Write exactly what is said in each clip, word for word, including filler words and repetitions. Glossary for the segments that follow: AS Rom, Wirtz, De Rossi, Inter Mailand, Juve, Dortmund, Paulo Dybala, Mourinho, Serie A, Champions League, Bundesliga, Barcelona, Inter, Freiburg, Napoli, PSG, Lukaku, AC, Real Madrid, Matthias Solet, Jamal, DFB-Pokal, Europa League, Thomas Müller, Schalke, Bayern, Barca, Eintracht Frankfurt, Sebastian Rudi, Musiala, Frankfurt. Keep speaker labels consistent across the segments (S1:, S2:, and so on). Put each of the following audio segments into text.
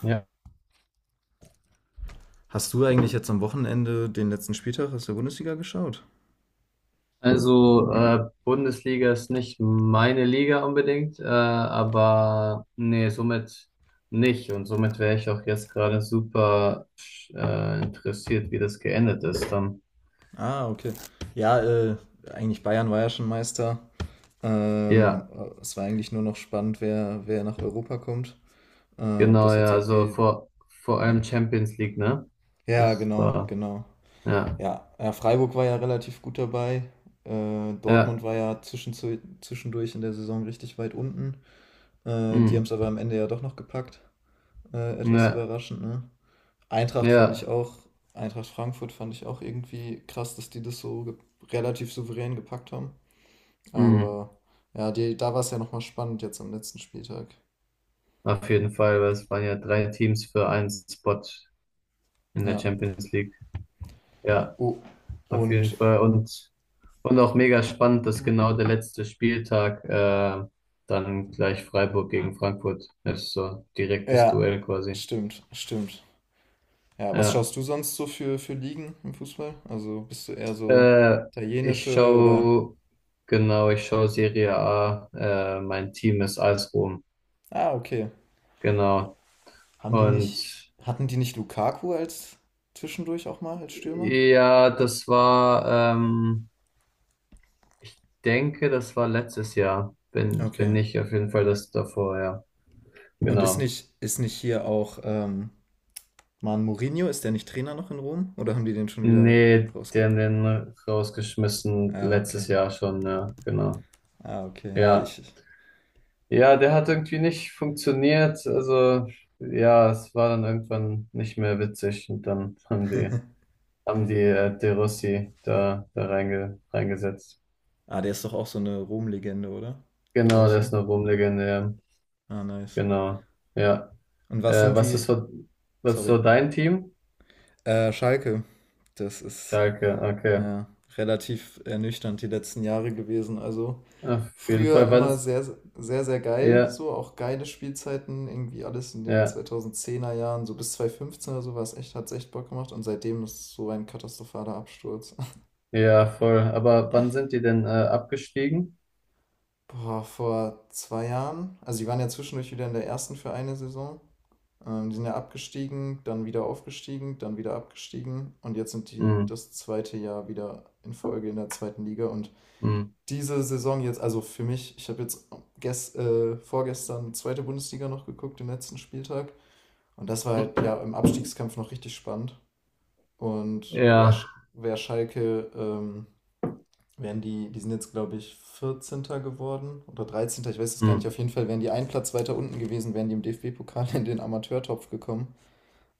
S1: Ja.
S2: Hast du eigentlich jetzt am Wochenende den letzten Spieltag aus der Bundesliga geschaut?
S1: Also äh, Bundesliga ist nicht meine Liga unbedingt, äh, aber nee, somit nicht. Und somit wäre ich auch jetzt gerade super äh, interessiert, wie das geendet ist dann.
S2: Ah, okay. Ja, äh, eigentlich Bayern war ja schon Meister.
S1: Ja,
S2: Ähm, äh, es war eigentlich nur noch spannend, wer, wer nach Europa kommt. Äh, ob
S1: genau,
S2: das jetzt
S1: ja, also
S2: irgendwie.
S1: vor, vor
S2: Ja,
S1: allem Champions League, ne?
S2: ja,
S1: Das
S2: genau,
S1: war,
S2: genau.
S1: ja,
S2: Ja, ja, Freiburg war ja relativ gut dabei. Äh, Dortmund
S1: ja,
S2: war ja zwischenzu- zwischendurch in der Saison richtig weit unten. Äh, die haben es aber
S1: mm,
S2: am Ende ja doch noch gepackt. Äh, etwas
S1: ja,
S2: überraschend, ne? Eintracht fand ich
S1: ja,
S2: auch, Eintracht Frankfurt fand ich auch irgendwie krass, dass die das so ge- relativ souverän gepackt haben.
S1: mm.
S2: Aber ja, die, da war es ja nochmal spannend jetzt am letzten Spieltag.
S1: Auf jeden Fall, weil es waren ja drei Teams für einen Spot in der
S2: Ja.
S1: Champions League. Ja,
S2: Oh,
S1: auf jeden
S2: und
S1: Fall. Und Und auch mega spannend, dass genau der letzte Spieltag äh, dann gleich Freiburg gegen Frankfurt ist, so direktes
S2: ja,
S1: Duell quasi.
S2: stimmt, stimmt. Ja, was
S1: Ja,
S2: schaust du sonst so für, für Ligen im Fußball? Also bist du eher so
S1: äh, ich
S2: italienische oder?
S1: schaue, genau, ich schaue Serie A, äh, mein Team ist A S Rom,
S2: Ah, okay.
S1: genau.
S2: Haben die nicht,
S1: Und
S2: hatten die nicht Lukaku als zwischendurch auch mal als Stürmer?
S1: ja, das war, ähm, ich denke, das war letztes Jahr, wenn, wenn
S2: Okay.
S1: nicht, auf jeden Fall das davor, ja,
S2: Und ist
S1: genau.
S2: nicht, ist nicht hier auch ähm, Mann, Mourinho, ist der nicht Trainer noch in Rom? Oder haben die den schon wieder.
S1: Nee, die
S2: rausge...
S1: haben den rausgeschmissen
S2: Ah, okay.
S1: letztes Jahr schon, ja, genau.
S2: Ah, okay. Ja,
S1: Ja,
S2: ich.
S1: ja, der hat irgendwie nicht funktioniert. Also, ja, es war dann irgendwann nicht mehr witzig und dann haben die, haben die äh, De Rossi da, da reinge, reingesetzt.
S2: Ah, der ist doch auch so eine Rom-Legende, oder? De
S1: Genau, der
S2: Rossi.
S1: ist eine Ruhmlegende, ja.
S2: Ah, nice.
S1: Genau, ja.
S2: Und was
S1: Äh,
S2: sind
S1: was ist
S2: die.
S1: so, was ist
S2: Sorry.
S1: so dein Team?
S2: Äh, Schalke. Das ist
S1: Schalke, okay.
S2: ja relativ ernüchternd die letzten Jahre gewesen. Also
S1: Auf jeden
S2: früher
S1: Fall,
S2: immer
S1: wann's,
S2: sehr, sehr, sehr geil.
S1: ja,
S2: So auch geile Spielzeiten. Irgendwie alles in den
S1: ja,
S2: zweitausendzehner Jahren, so bis zweitausendfünfzehn oder so war es echt, hat es echt Bock gemacht. Und seitdem ist es so ein katastrophaler Absturz.
S1: ja, voll. Aber wann sind die denn äh, abgestiegen?
S2: Boah, vor zwei Jahren. Also die waren ja zwischendurch wieder in der ersten für eine Saison. Ähm, die sind ja abgestiegen, dann wieder aufgestiegen, dann wieder abgestiegen und jetzt sind die
S1: Mhm.
S2: das zweite Jahr wieder in Folge in der zweiten Liga. Und
S1: Mhm.
S2: diese Saison jetzt, also für mich, ich habe jetzt gest, äh, vorgestern zweite Bundesliga noch geguckt, den letzten Spieltag. Und das war halt
S1: Mhm.
S2: ja im Abstiegskampf noch richtig spannend. Und wer,
S1: Ja.
S2: Sch- wer Schalke ähm, wären die, die sind jetzt, glaube ich, vierzehnter geworden oder dreizehnter. Ich weiß es gar nicht. Auf
S1: Mhm.
S2: jeden Fall wären die einen Platz weiter unten gewesen, wären die im D F B-Pokal in den Amateurtopf gekommen.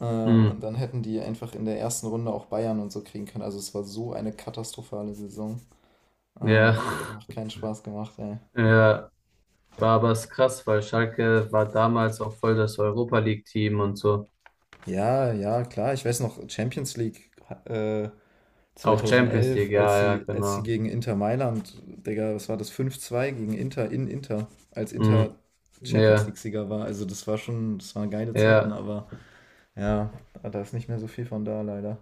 S2: Äh, und
S1: Mhm.
S2: dann hätten die einfach in der ersten Runde auch Bayern und so kriegen können. Also es war so eine katastrophale Saison.
S1: Ja.
S2: Ähm, das hat einfach keinen Spaß gemacht, ey.
S1: Ja. War aber es krass, weil Schalke war damals auch voll das Europa League-Team und so.
S2: Ja, ja, klar. Ich weiß noch, Champions League äh,
S1: Auch Champions
S2: zweitausendelf,
S1: League,
S2: als
S1: ja, ja,
S2: sie, als sie
S1: genau.
S2: gegen Inter Mailand, Digga, was war das? fünf zwei gegen Inter in Inter, als Inter
S1: Mhm.
S2: Champions
S1: Ja,
S2: League-Sieger war. Also, das war schon, das waren geile Zeiten,
S1: ja.
S2: aber ja, ah, da ist nicht mehr so viel von da, leider.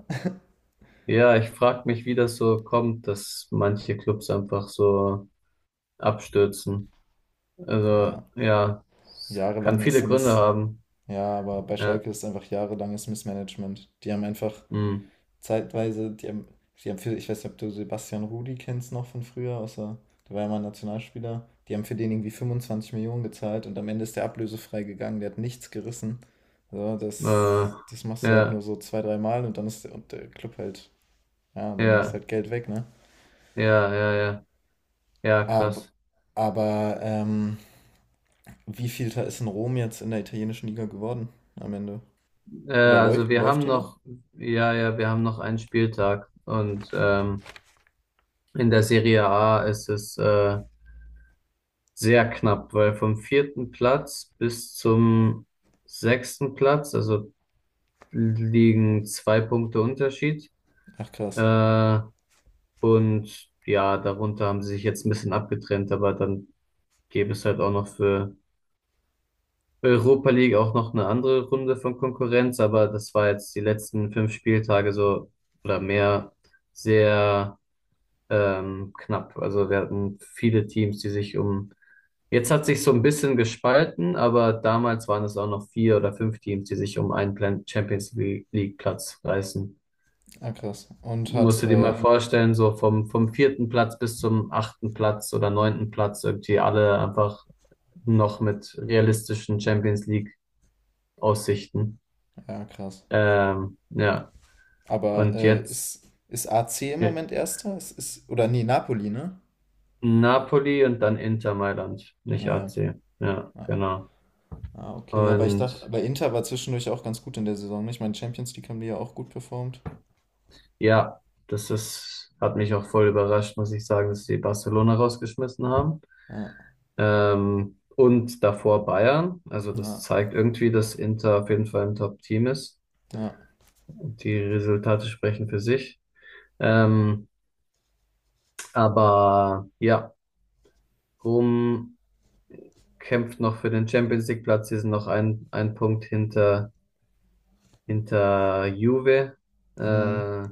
S1: Ja, ich frag mich, wie das so kommt, dass manche Clubs einfach so abstürzen. Also,
S2: Ja,
S1: ja, es kann
S2: jahrelanges
S1: viele Gründe
S2: Miss.
S1: haben.
S2: Ja, aber bei
S1: Ja.
S2: Schalke ist einfach jahrelanges Missmanagement. Die haben einfach
S1: Mhm.
S2: zeitweise, die haben, die haben für, ich weiß nicht, ob du Sebastian Rudi kennst noch von früher, außer, der war ja mal ein Nationalspieler. Die haben für den irgendwie fünfundzwanzig Millionen gezahlt und am Ende ist der ablösefrei gegangen, der hat nichts gerissen. Also
S1: Äh,
S2: das, das machst du halt nur
S1: ja,
S2: so zwei, drei Mal und dann ist der, und der Club halt, ja,
S1: ja,
S2: dann ist
S1: ja,
S2: halt Geld weg, ne?
S1: ja, ja. Ja,
S2: Aber,
S1: krass.
S2: aber ähm, wie viel da ist in Rom jetzt in der italienischen Liga geworden am Ende?
S1: Äh,
S2: Oder läu
S1: also wir
S2: läuft
S1: haben
S2: die noch?
S1: noch, ja, ja, wir haben noch einen Spieltag und ähm, in der Serie A ist es äh, sehr knapp, weil vom vierten Platz bis zum sechsten Platz, also liegen zwei Punkte Unterschied.
S2: Ach krass.
S1: Äh, und ja, darunter haben sie sich jetzt ein bisschen abgetrennt, aber dann gäbe es halt auch noch für Europa League auch noch eine andere Runde von Konkurrenz, aber das war jetzt die letzten fünf Spieltage so oder mehr sehr ähm, knapp. Also wir hatten viele Teams, die sich um. Jetzt hat sich so ein bisschen gespalten, aber damals waren es auch noch vier oder fünf Teams, die sich um einen Plan- Champions League Platz reißen.
S2: Ah krass. Und hat,
S1: Musst du dir
S2: äh,
S1: mal vorstellen, so vom, vom vierten Platz bis zum achten Platz oder neunten Platz irgendwie alle einfach noch mit realistischen Champions League Aussichten.
S2: ja krass.
S1: Ähm, ja,
S2: Aber
S1: und
S2: äh,
S1: jetzt
S2: ist, ist A C im
S1: ja,
S2: Moment Erster? Es ist, oder nee, Napoli, ne?
S1: Napoli und dann Inter Mailand, nicht
S2: Naja.
S1: A C. Ja,
S2: Ah,
S1: genau.
S2: ah, okay. Aber ich dachte,
S1: Und
S2: aber Inter war zwischendurch auch ganz gut in der Saison, nicht? Ich meine, Champions League haben die ja auch gut performt.
S1: ja, das ist, hat mich auch voll überrascht, muss ich sagen, dass sie Barcelona rausgeschmissen haben.
S2: Ja,
S1: Ähm, und davor Bayern. Also das
S2: ja,
S1: zeigt irgendwie, dass Inter auf jeden Fall ein Top-Team ist.
S2: ja.
S1: Die Resultate sprechen für sich. Ähm, aber ja, Rom kämpft noch für den Champions League-Platz. Sie sind noch ein, ein Punkt hinter, hinter Juve.
S2: Hm.
S1: Äh,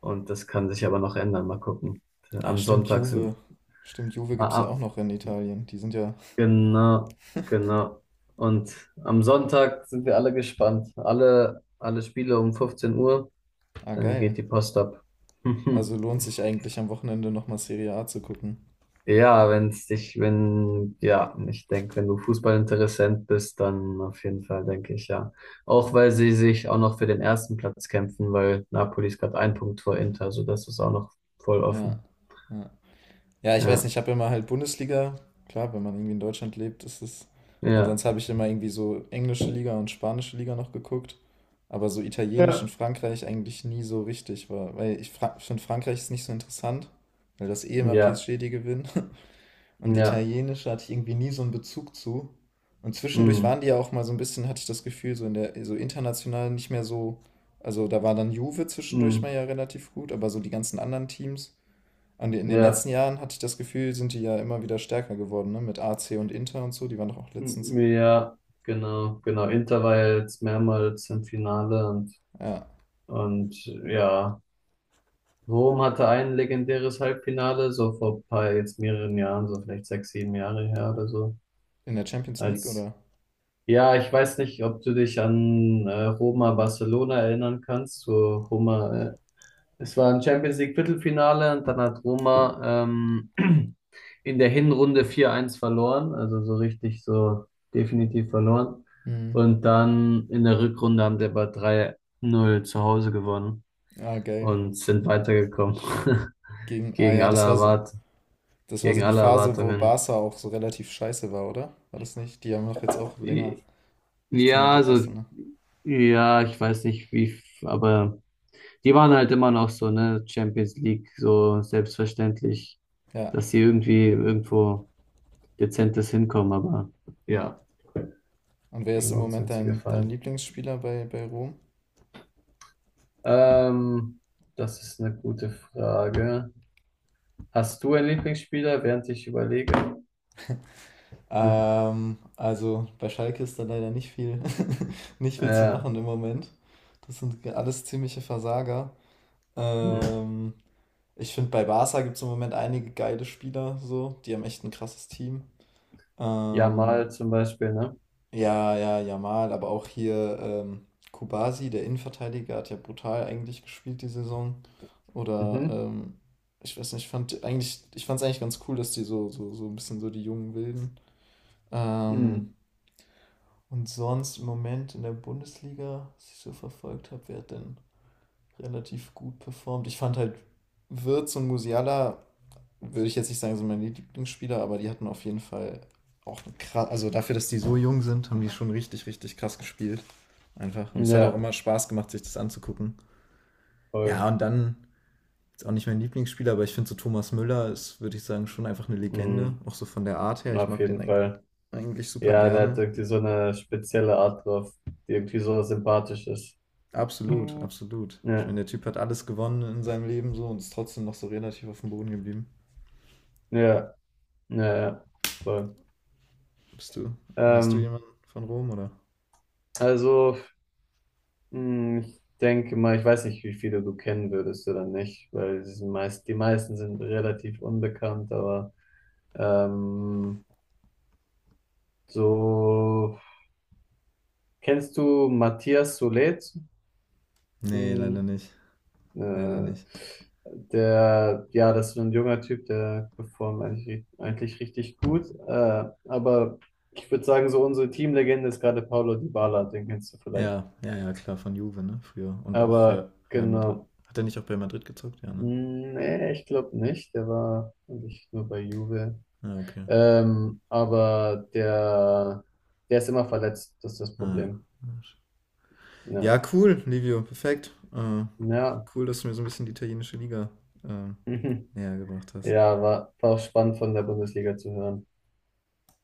S1: und das kann sich aber noch ändern. Mal gucken.
S2: Ah,
S1: Am
S2: stimmt,
S1: Sonntag
S2: Juve.
S1: sind,
S2: Stimmt, Juve gibt es ja
S1: a-
S2: auch noch in Italien. Die sind ja,
S1: Genau, genau. Und am Sonntag sind wir alle gespannt. Alle, alle Spiele um fünfzehn Uhr,
S2: ah,
S1: dann
S2: geil.
S1: geht die Post ab.
S2: Also lohnt sich eigentlich am Wochenende nochmal Serie A zu gucken.
S1: Ja, wenn's dich, wenn, ja, ich denke, wenn du Fußballinteressent bist, dann auf jeden Fall, denke ich, ja. Auch weil sie sich auch noch für den ersten Platz kämpfen, weil Napoli ist gerade ein Punkt vor Inter, also das ist auch noch voll
S2: Ja,
S1: offen.
S2: ja. Ja, ich weiß
S1: Ja,
S2: nicht, ich habe immer halt Bundesliga. Klar, wenn man irgendwie in Deutschland lebt, ist es. Und
S1: ja,
S2: sonst habe ich immer irgendwie so englische Liga und spanische Liga noch geguckt. Aber so italienisch
S1: Ja.
S2: und Frankreich eigentlich nie so richtig war. Weil ich fra finde, Frankreich ist nicht so interessant, weil das eh immer
S1: ja,
S2: P S G die gewinnen. Und
S1: ja,
S2: italienisch hatte ich irgendwie nie so einen Bezug zu. Und zwischendurch
S1: mm,
S2: waren die ja auch mal so ein bisschen, hatte ich das Gefühl, so in der, so international nicht mehr so. Also da war dann Juve zwischendurch mal
S1: mm,
S2: ja relativ gut, aber so die ganzen anderen Teams an den- in den letzten
S1: ja.
S2: Jahren hatte ich das Gefühl, sind die ja immer wieder stärker geworden, ne? Mit A C und Inter und so. Die waren doch auch letztens.
S1: Ja, genau, genau. Inter war ja jetzt mehrmals im Finale und,
S2: Ja.
S1: und ja, Rom hatte ein legendäres Halbfinale, so vor ein paar, jetzt mehreren Jahren, so vielleicht sechs, sieben Jahre her oder so.
S2: In der Champions League,
S1: Als,
S2: oder?
S1: ja, ich weiß nicht, ob du dich an äh, Roma Barcelona erinnern kannst, so Roma äh, es war ein Champions League Viertelfinale und dann hat Roma ähm, in der Hinrunde vier eins verloren, also so richtig so definitiv verloren.
S2: Hm.
S1: Und dann in der Rückrunde haben sie aber drei null zu Hause gewonnen
S2: Ah, geil.
S1: und sind weitergekommen
S2: Gegen. Ah
S1: gegen
S2: ja,
S1: alle
S2: das war so.
S1: Erwart
S2: Das war so
S1: gegen
S2: die
S1: alle
S2: Phase, wo
S1: Erwartungen.
S2: Barca auch so relativ scheiße war, oder? War das nicht? Die haben doch jetzt auch länger
S1: I-
S2: nichts mehr
S1: Ja, also
S2: gerissen, ne?
S1: ja, ich weiß nicht wie, f- aber die waren halt immer noch so, ne, Champions League so selbstverständlich,
S2: Ja,
S1: dass sie irgendwie irgendwo dezentes Hinkommen, aber
S2: ja.
S1: ja,
S2: Und wer ist
S1: gegen
S2: im
S1: uns
S2: Moment
S1: sind sie
S2: dein, dein
S1: gefallen.
S2: Lieblingsspieler bei, bei Rom?
S1: Ähm, das ist eine gute Frage. Hast du einen Lieblingsspieler, während ich überlege? Hm.
S2: Ähm, also bei Schalke ist da leider nicht viel, nicht viel zu
S1: Ja,
S2: machen im Moment. Das sind alles ziemliche Versager.
S1: hm.
S2: Ähm, Ich finde, bei Barca gibt es im Moment einige geile Spieler, so. Die haben echt ein krasses Team. Ähm,
S1: Jamal zum Beispiel, ne?
S2: ja, ja, Jamal, aber auch hier ähm, Kubasi, der Innenverteidiger, hat ja brutal eigentlich gespielt die Saison. Oder
S1: Mhm.
S2: ähm, ich weiß nicht, ich fand eigentlich, ich fand es eigentlich ganz cool, dass die so, so, so ein bisschen so die jungen Wilden. Ähm,
S1: Hm.
S2: und sonst im Moment in der Bundesliga, was ich so verfolgt habe, wer hat denn relativ gut performt? Ich fand halt Wirtz und Musiala würde ich jetzt nicht sagen, sind meine Lieblingsspieler, aber die hatten auf jeden Fall auch krass, also dafür, dass die so jung sind, haben die schon richtig, richtig krass gespielt. Einfach. Und es hat auch
S1: Ja,
S2: immer Spaß gemacht, sich das anzugucken. Ja,
S1: voll.
S2: und dann ist auch nicht mein Lieblingsspieler, aber ich finde so Thomas Müller ist, würde ich sagen, schon einfach eine Legende.
S1: Hm.
S2: Auch so von der Art her. Ich
S1: Auf
S2: mag
S1: jeden
S2: den
S1: Fall.
S2: eigentlich super
S1: Ja, der hat
S2: gerne.
S1: irgendwie so eine spezielle Art drauf, die irgendwie so sympathisch ist.
S2: Absolut,
S1: Ja,
S2: absolut. Ich meine, der Typ hat alles gewonnen in seinem Leben so und ist trotzdem noch so relativ auf dem Boden geblieben.
S1: ja, ja, ja, voll.
S2: Bist du? Hast du
S1: Ähm,
S2: jemanden von Rom oder?
S1: also Hm, ich denke mal, ich weiß nicht, wie viele du kennen würdest oder nicht, weil sie sind meist, die meisten sind relativ unbekannt, aber ähm, so kennst du Matthias Solet?
S2: Nee, leider
S1: Hm,
S2: nicht. Leider
S1: äh,
S2: nicht.
S1: der, ja, das ist so ein junger Typ, der performt eigentlich, eigentlich richtig gut, äh, aber ich würde sagen, so unsere Teamlegende ist gerade Paulo Dybala, den kennst du vielleicht,
S2: Ja, ja, ja, klar, von Juve, ne? Früher. Und auch
S1: aber
S2: Real, Real Madrid.
S1: genau.
S2: Hat er nicht auch bei Madrid gezockt? Ja, ne?
S1: Hm, nee, ich glaube nicht. Der war eigentlich nur bei Juve.
S2: Ja, okay.
S1: Ähm, aber der, der ist immer verletzt, das ist das
S2: Ja,
S1: Problem. Ja,
S2: ja cool, Livio, perfekt. Äh,
S1: ja.
S2: cool, dass du mir so ein bisschen die italienische Liga äh, näher gebracht hast.
S1: Ja, war, war auch spannend von der Bundesliga zu hören.